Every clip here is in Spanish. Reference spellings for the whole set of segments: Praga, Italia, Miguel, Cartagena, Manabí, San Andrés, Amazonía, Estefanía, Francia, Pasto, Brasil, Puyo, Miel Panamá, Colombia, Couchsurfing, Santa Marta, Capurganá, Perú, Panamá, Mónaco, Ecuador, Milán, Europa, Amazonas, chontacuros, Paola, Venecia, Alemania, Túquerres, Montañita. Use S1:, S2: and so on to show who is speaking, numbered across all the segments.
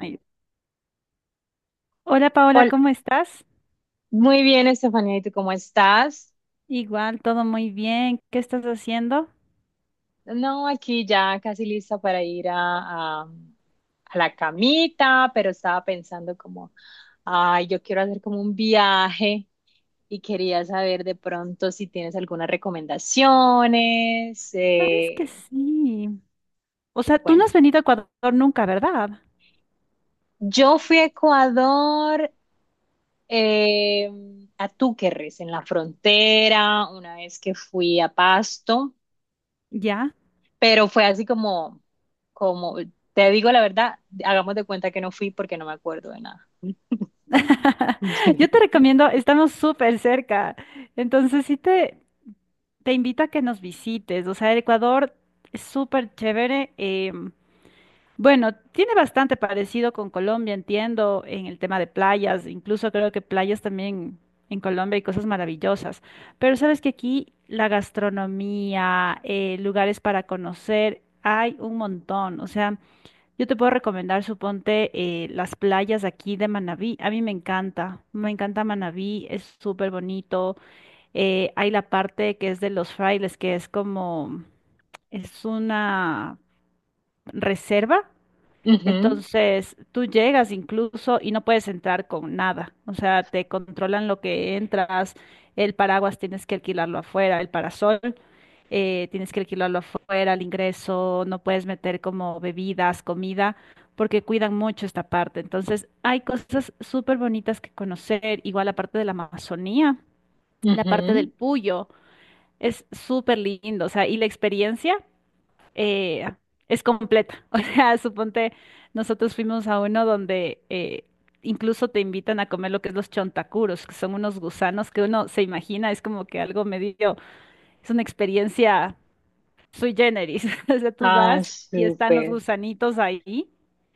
S1: Ay, hola Paola,
S2: Hola,
S1: ¿cómo estás?
S2: muy bien, Estefanía, ¿y tú cómo estás?
S1: Igual, todo muy bien. ¿Qué estás haciendo?
S2: No, aquí ya casi lista para ir a la camita, pero estaba pensando como, ay, yo quiero hacer como un viaje y quería saber de pronto si tienes algunas recomendaciones.
S1: Sabes que sí. O sea, tú no
S2: Bueno,
S1: has venido a Ecuador nunca, ¿verdad?
S2: yo fui a Ecuador, eh, a Túquerres, en la frontera, una vez que fui a Pasto.
S1: Ya.
S2: Pero fue así como, te digo la verdad, hagamos de cuenta que no fui porque no me acuerdo de nada.
S1: Yo te recomiendo, estamos súper cerca. Entonces sí te invito a que nos visites. O sea, el Ecuador es súper chévere. Bueno, tiene bastante parecido con Colombia, entiendo, en el tema de playas. Incluso creo que playas también en Colombia hay cosas maravillosas. Pero sabes que aquí la gastronomía, lugares para conocer, hay un montón. O sea, yo te puedo recomendar, suponte, las playas aquí de Manabí. A mí me encanta Manabí, es súper bonito. Hay la parte que es de los frailes, que es como, es una reserva.
S2: Ujú,
S1: Entonces, tú llegas incluso y no puedes entrar con nada. O sea, te controlan lo que entras, el paraguas tienes que alquilarlo afuera, el parasol tienes que alquilarlo afuera. El ingreso, no puedes meter como bebidas, comida, porque cuidan mucho esta parte. Entonces, hay cosas súper bonitas que conocer, igual la parte de la Amazonía, la parte del
S2: ujú.
S1: Puyo, es súper lindo. O sea, y la experiencia eh, es completa. O sea, suponte, nosotros fuimos a uno donde incluso te invitan a comer lo que es los chontacuros, que son unos gusanos que uno se imagina, es como que algo medio, es una experiencia sui generis. O sea, tú
S2: Ah,
S1: vas y están los
S2: súper.
S1: gusanitos ahí,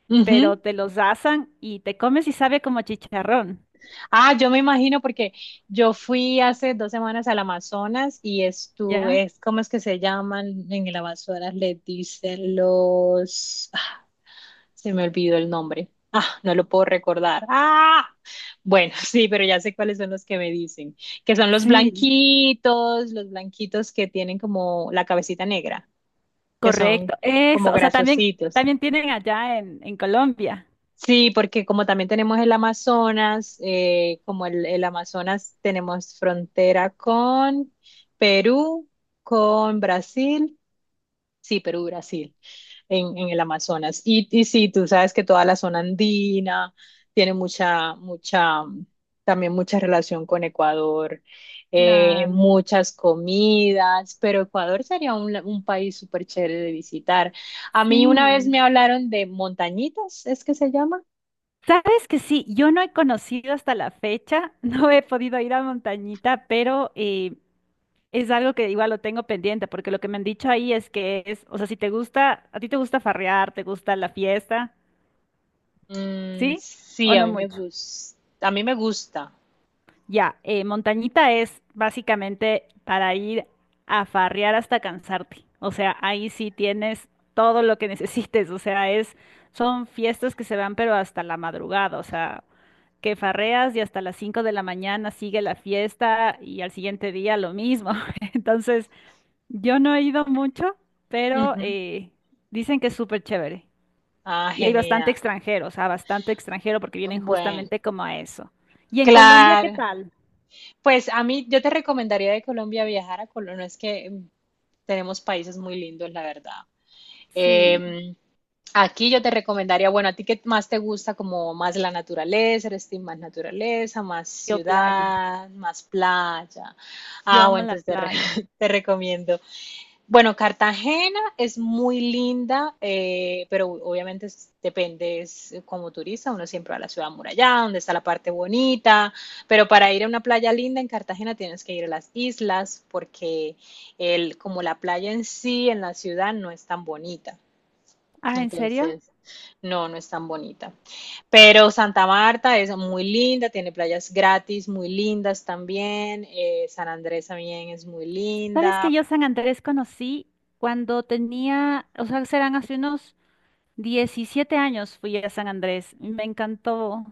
S2: Ujú.
S1: pero te los asan y te comes y sabe como a chicharrón.
S2: Ah, yo me imagino porque yo fui hace 2 semanas al Amazonas y estuve,
S1: ¿Ya?
S2: es, ¿cómo es que se llaman en el Amazonas? Les dicen los... Se me olvidó el nombre. Ah, no lo puedo recordar. Ah, bueno, sí, pero ya sé cuáles son los que me dicen, que son
S1: Sí,
S2: los blanquitos que tienen como la cabecita negra, que son
S1: correcto.
S2: como
S1: Eso, o sea, también,
S2: grasositos.
S1: también tienen allá en Colombia.
S2: Sí, porque como también tenemos el Amazonas, como el Amazonas tenemos frontera con Perú, con Brasil, sí, Perú, Brasil. En el Amazonas. Y sí, tú sabes que toda la zona andina tiene mucha, también mucha relación con Ecuador,
S1: Claro.
S2: muchas comidas, pero Ecuador sería un país súper chévere de visitar. A mí
S1: Sí.
S2: una vez me hablaron de montañitas, ¿es que se llama?
S1: Sabes que sí, yo no he conocido hasta la fecha, no he podido ir a Montañita, pero es algo que igual lo tengo pendiente, porque lo que me han dicho ahí es que es, o sea, si te gusta, a ti te gusta farrear, te gusta la fiesta.
S2: Mm,
S1: ¿Sí? ¿O
S2: sí, a
S1: no
S2: mí me
S1: mucho?
S2: gusta, a mí me gusta.
S1: Ya, montañita es básicamente para ir a farrear hasta cansarte. O sea, ahí sí tienes todo lo que necesites. O sea, son fiestas que se van pero hasta la madrugada. O sea, que farreas y hasta las 5 de la mañana sigue la fiesta y al siguiente día lo mismo. Entonces, yo no he ido mucho, pero
S2: Ujú.
S1: dicen que es súper chévere.
S2: Ah,
S1: Y hay bastante
S2: genial.
S1: extranjero, o sea, bastante extranjero porque vienen
S2: Bueno,
S1: justamente como a eso. ¿Y en Colombia qué
S2: claro.
S1: tal?
S2: Pues a mí, yo te recomendaría de Colombia viajar a Colombia. No es que tenemos países muy lindos, la verdad.
S1: Sí,
S2: Eh, aquí yo te recomendaría, bueno, a ti qué más te gusta, como más la naturaleza, eres team más naturaleza, más
S1: yo playa.
S2: ciudad, más playa.
S1: Yo
S2: Ah,
S1: amo
S2: bueno,
S1: la
S2: entonces
S1: playa.
S2: te recomiendo bueno, Cartagena es muy linda, pero obviamente es- depende, es como turista, uno siempre va a la ciudad amurallada, donde está la parte bonita, pero para ir a una playa linda en Cartagena tienes que ir a las islas, porque el, como la playa en sí, en la ciudad, no es tan bonita.
S1: Ah, ¿en serio?
S2: Entonces, no es tan bonita. Pero Santa Marta es muy linda, tiene playas gratis muy lindas también. Eh, San Andrés también es muy
S1: ¿Sabes que
S2: linda.
S1: yo San Andrés conocí cuando tenía, o sea, serán hace unos 17 años fui a San Andrés? Y me encantó.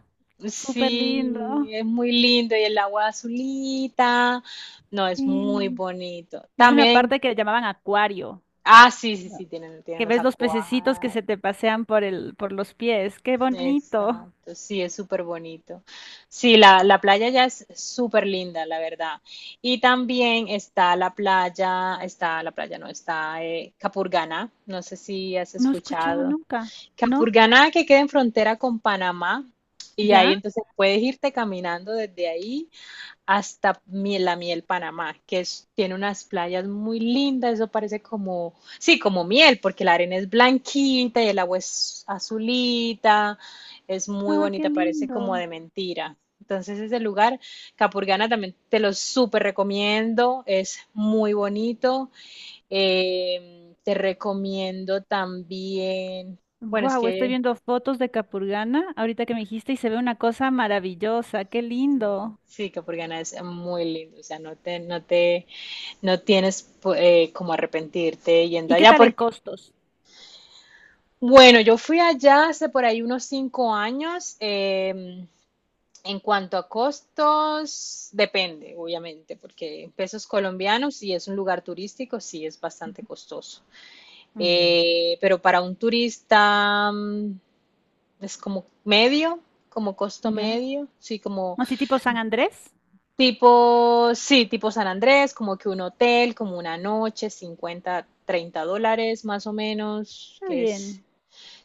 S1: Súper lindo.
S2: Sí, es muy lindo y el agua azulita. No, es muy
S1: Sí.
S2: bonito.
S1: Yo fui a una
S2: También,
S1: parte que llamaban acuario,
S2: ah, sí, tienen
S1: que
S2: los
S1: ves los pececitos que
S2: acuarios.
S1: se te pasean por los pies. ¡Qué bonito!
S2: Exacto, sí, es súper bonito. Sí, la playa ya es súper linda, la verdad. Y también está la playa, no, está Capurganá. No sé si has
S1: No he escuchado
S2: escuchado.
S1: nunca, ¿no?
S2: Capurganá que queda en frontera con Panamá. Y ahí
S1: ¿Ya?
S2: entonces puedes irte caminando desde ahí la Miel Panamá, que es- tiene unas playas muy lindas, eso parece como, sí, como miel, porque la arena es blanquita y el agua es azulita, es muy
S1: Ay, qué
S2: bonita, parece como
S1: lindo.
S2: de mentira. Entonces ese lugar, Capurganá, también te lo súper recomiendo, es muy bonito. Te recomiendo también, bueno, es
S1: Wow, estoy
S2: que
S1: viendo fotos de Capurganá ahorita que me dijiste y se ve una cosa maravillosa, qué
S2: sí,
S1: lindo.
S2: sí, Capurganá es muy lindo, o sea, no te No tienes pues, como arrepentirte yendo
S1: ¿Y qué
S2: allá.
S1: tal en
S2: Porque,
S1: costos?
S2: bueno, yo fui allá hace por ahí unos 5 años. En cuanto a costos, depende, obviamente, porque en pesos colombianos, si es un lugar turístico, sí es bastante costoso.
S1: Mm,
S2: Pero para un turista es como medio, como costo
S1: ya.
S2: medio, sí, como
S1: Así tipo San Andrés.
S2: Tipo, sí, tipo San Andrés, como que un hotel, como una noche, $50 $30 más o menos,
S1: Está
S2: que es
S1: bien,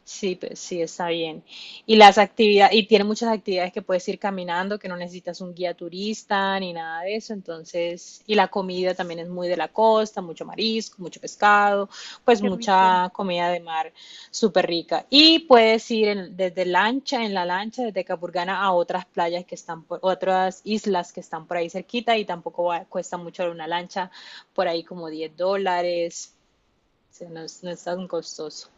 S2: Sí, pues sí, está bien. Y las actividades, y tiene muchas actividades que puedes ir caminando, que no necesitas un guía turista ni nada de eso. Entonces, y la comida también es muy de la costa, mucho marisco, mucho pescado, pues
S1: qué rico.
S2: mucha comida de mar súper rica. Y puedes ir desde lancha, en la lancha, desde Capurganá a otras playas que están por, otras islas que están por ahí cerquita y tampoco va- cuesta mucho una lancha, por ahí como $10. O sea, no es, no es tan costoso.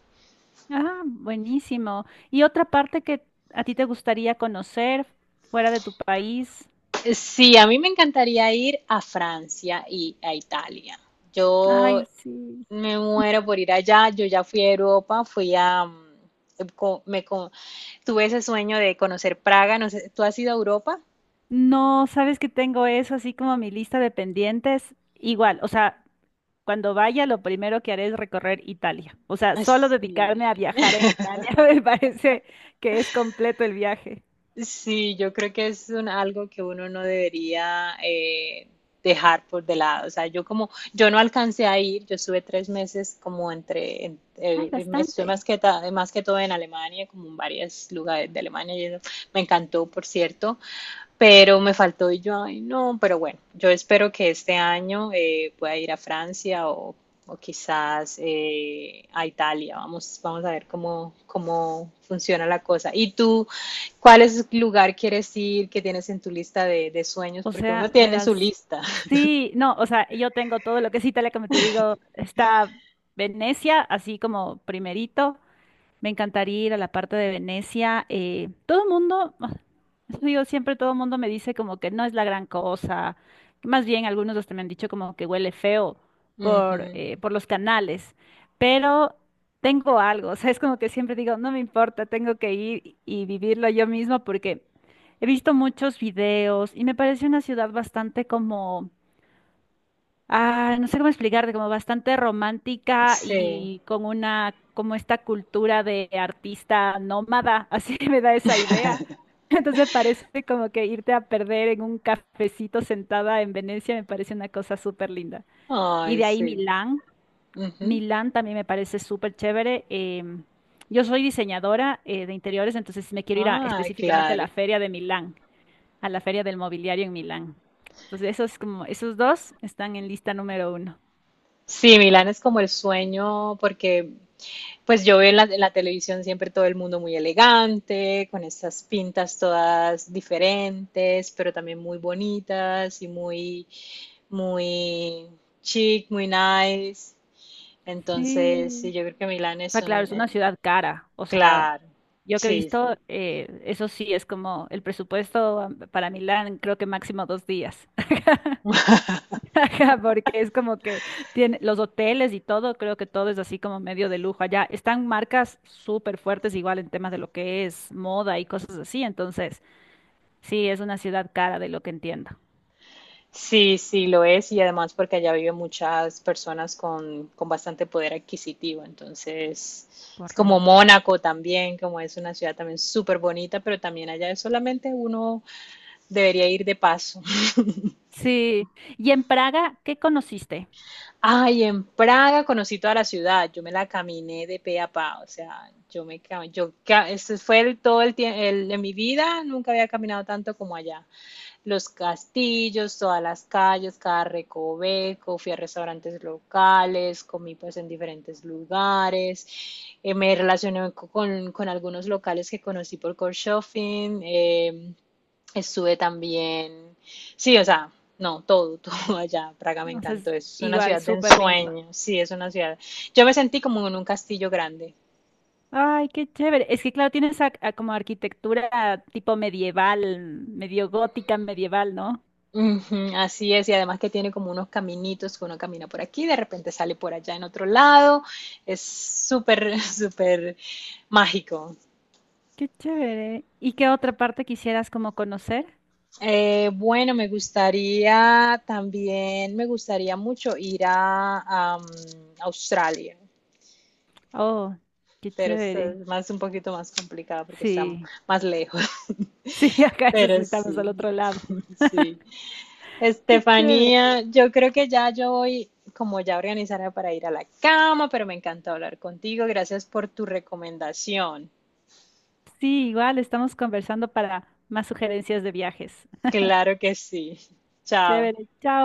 S1: Ah, buenísimo. ¿Y otra parte que a ti te gustaría conocer fuera de tu país?
S2: Sí, a mí me encantaría ir a Francia y a Italia. Yo
S1: Ay, sí.
S2: me muero por ir allá. Yo ya fui a Europa, fui a... tuve ese sueño de conocer Praga. No sé, ¿tú has ido a Europa?
S1: No, sabes que tengo eso así como mi lista de pendientes. Igual, o sea, cuando vaya, lo primero que haré es recorrer Italia. O sea,
S2: Ay,
S1: solo dedicarme a
S2: sí.
S1: viajar en Italia me parece que es completo el viaje.
S2: Sí, yo creo que es algo que uno no debería dejar por de lado. O sea, yo no alcancé a ir, yo estuve 3 meses como
S1: Ay,
S2: estuve más
S1: bastante.
S2: más que todo en Alemania, como en varios lugares de Alemania, y eso me encantó, por cierto, pero me faltó y yo, ay, no, pero bueno, yo espero que este año pueda ir a Francia o quizás a Italia. Vamos, vamos a ver cómo funciona la cosa. ¿Y tú, cuál es el lugar quieres ir que tienes en tu lista de sueños?
S1: O
S2: Porque uno
S1: sea,
S2: tiene su
S1: verás,
S2: lista.
S1: sí, no, o sea, yo tengo todo lo que es Italia, como te digo, está Venecia, así como primerito. Me encantaría ir a la parte de Venecia. Todo el mundo, ah, eso digo, siempre todo el mundo me dice como que no es la gran cosa. Más bien algunos hasta me han dicho como que huele feo por,
S2: Ujú,
S1: eh, por los canales. Pero tengo algo, o sea, es como que siempre digo, no me importa, tengo que ir y vivirlo yo misma porque he visto muchos videos y me parece una ciudad bastante como. Ah, no sé cómo explicarte, como bastante romántica
S2: sí.
S1: y con una, como esta cultura de artista nómada, así me da esa idea. Entonces parece como que irte a perder en un cafecito sentada en Venecia me parece una cosa súper linda. Y
S2: Ay,
S1: de ahí
S2: sí.
S1: Milán.
S2: Ujú.
S1: Milán también me parece súper chévere. Yo soy diseñadora de interiores, entonces me quiero ir
S2: Ah,
S1: específicamente a
S2: claro.
S1: la feria de Milán, a la feria del mobiliario en Milán. Entonces esos como, esos dos están en lista número uno.
S2: Sí, Milán es como el sueño porque pues yo veo en televisión siempre todo el mundo muy elegante, con estas pintas todas diferentes, pero también muy bonitas y muy chic, muy nice. Entonces, sí,
S1: Sí.
S2: yo creo que Milán
S1: O
S2: es
S1: sea, claro,
S2: un,
S1: es una ciudad cara. O sea,
S2: claro,
S1: yo que he
S2: sí,
S1: visto, eso sí, es como el presupuesto para Milán, creo que máximo 2 días. Ajá. Porque es como que tiene los hoteles y todo, creo que todo es así como medio de lujo allá. Están marcas súper fuertes igual en temas de lo que es moda y cosas así. Entonces, sí, es una ciudad cara de lo que entiendo.
S2: sí lo es y además porque allá viven muchas personas con bastante poder adquisitivo, entonces es como
S1: Correcto.
S2: Mónaco también, como es una ciudad también súper bonita, pero también allá es solamente uno Debería ir de paso.
S1: Sí. ¿Y en Praga qué conociste?
S2: Ay, en Praga conocí toda la ciudad, yo me la caminé de pe a pa, o sea, yo me cam- yo ca- ese fue el, todo el tiempo de mi vida, nunca había caminado tanto como allá. Los castillos, todas las calles, cada recoveco, fui a restaurantes locales, comí pues en diferentes lugares, con algunos locales que conocí por Couchsurfing, estuve también, sí, o sea, no, todo, todo allá, Praga me
S1: Entonces,
S2: encantó, es una
S1: igual,
S2: ciudad de
S1: súper lindo.
S2: ensueño, sí, es una ciudad. Yo me sentí como en un castillo grande.
S1: Ay, qué chévere. Es que claro, tienes a como arquitectura tipo medieval, medio gótica medieval, ¿no?
S2: Ujú, así es, y además que tiene como unos caminitos que uno camina por aquí, de repente sale por allá en otro lado, es súper, súper mágico.
S1: Qué chévere. ¿Y qué otra parte quisieras como conocer?
S2: Bueno, me gustaría también, me gustaría mucho ir a, am, Australia.
S1: Oh, qué
S2: Pero es
S1: chévere.
S2: más un poquito más complicado porque está
S1: Sí,
S2: más lejos.
S1: sí, acá eso sí
S2: Pero
S1: estamos
S2: sí,
S1: al otro lado.
S2: sí.
S1: Qué chévere.
S2: Estefanía, yo creo que ya yo voy como ya organizada para ir a la cama, pero me encantó hablar contigo. Gracias por tu recomendación.
S1: Sí, igual estamos conversando para más sugerencias de viajes.
S2: Claro que sí. Chao.
S1: Chévere. Chao.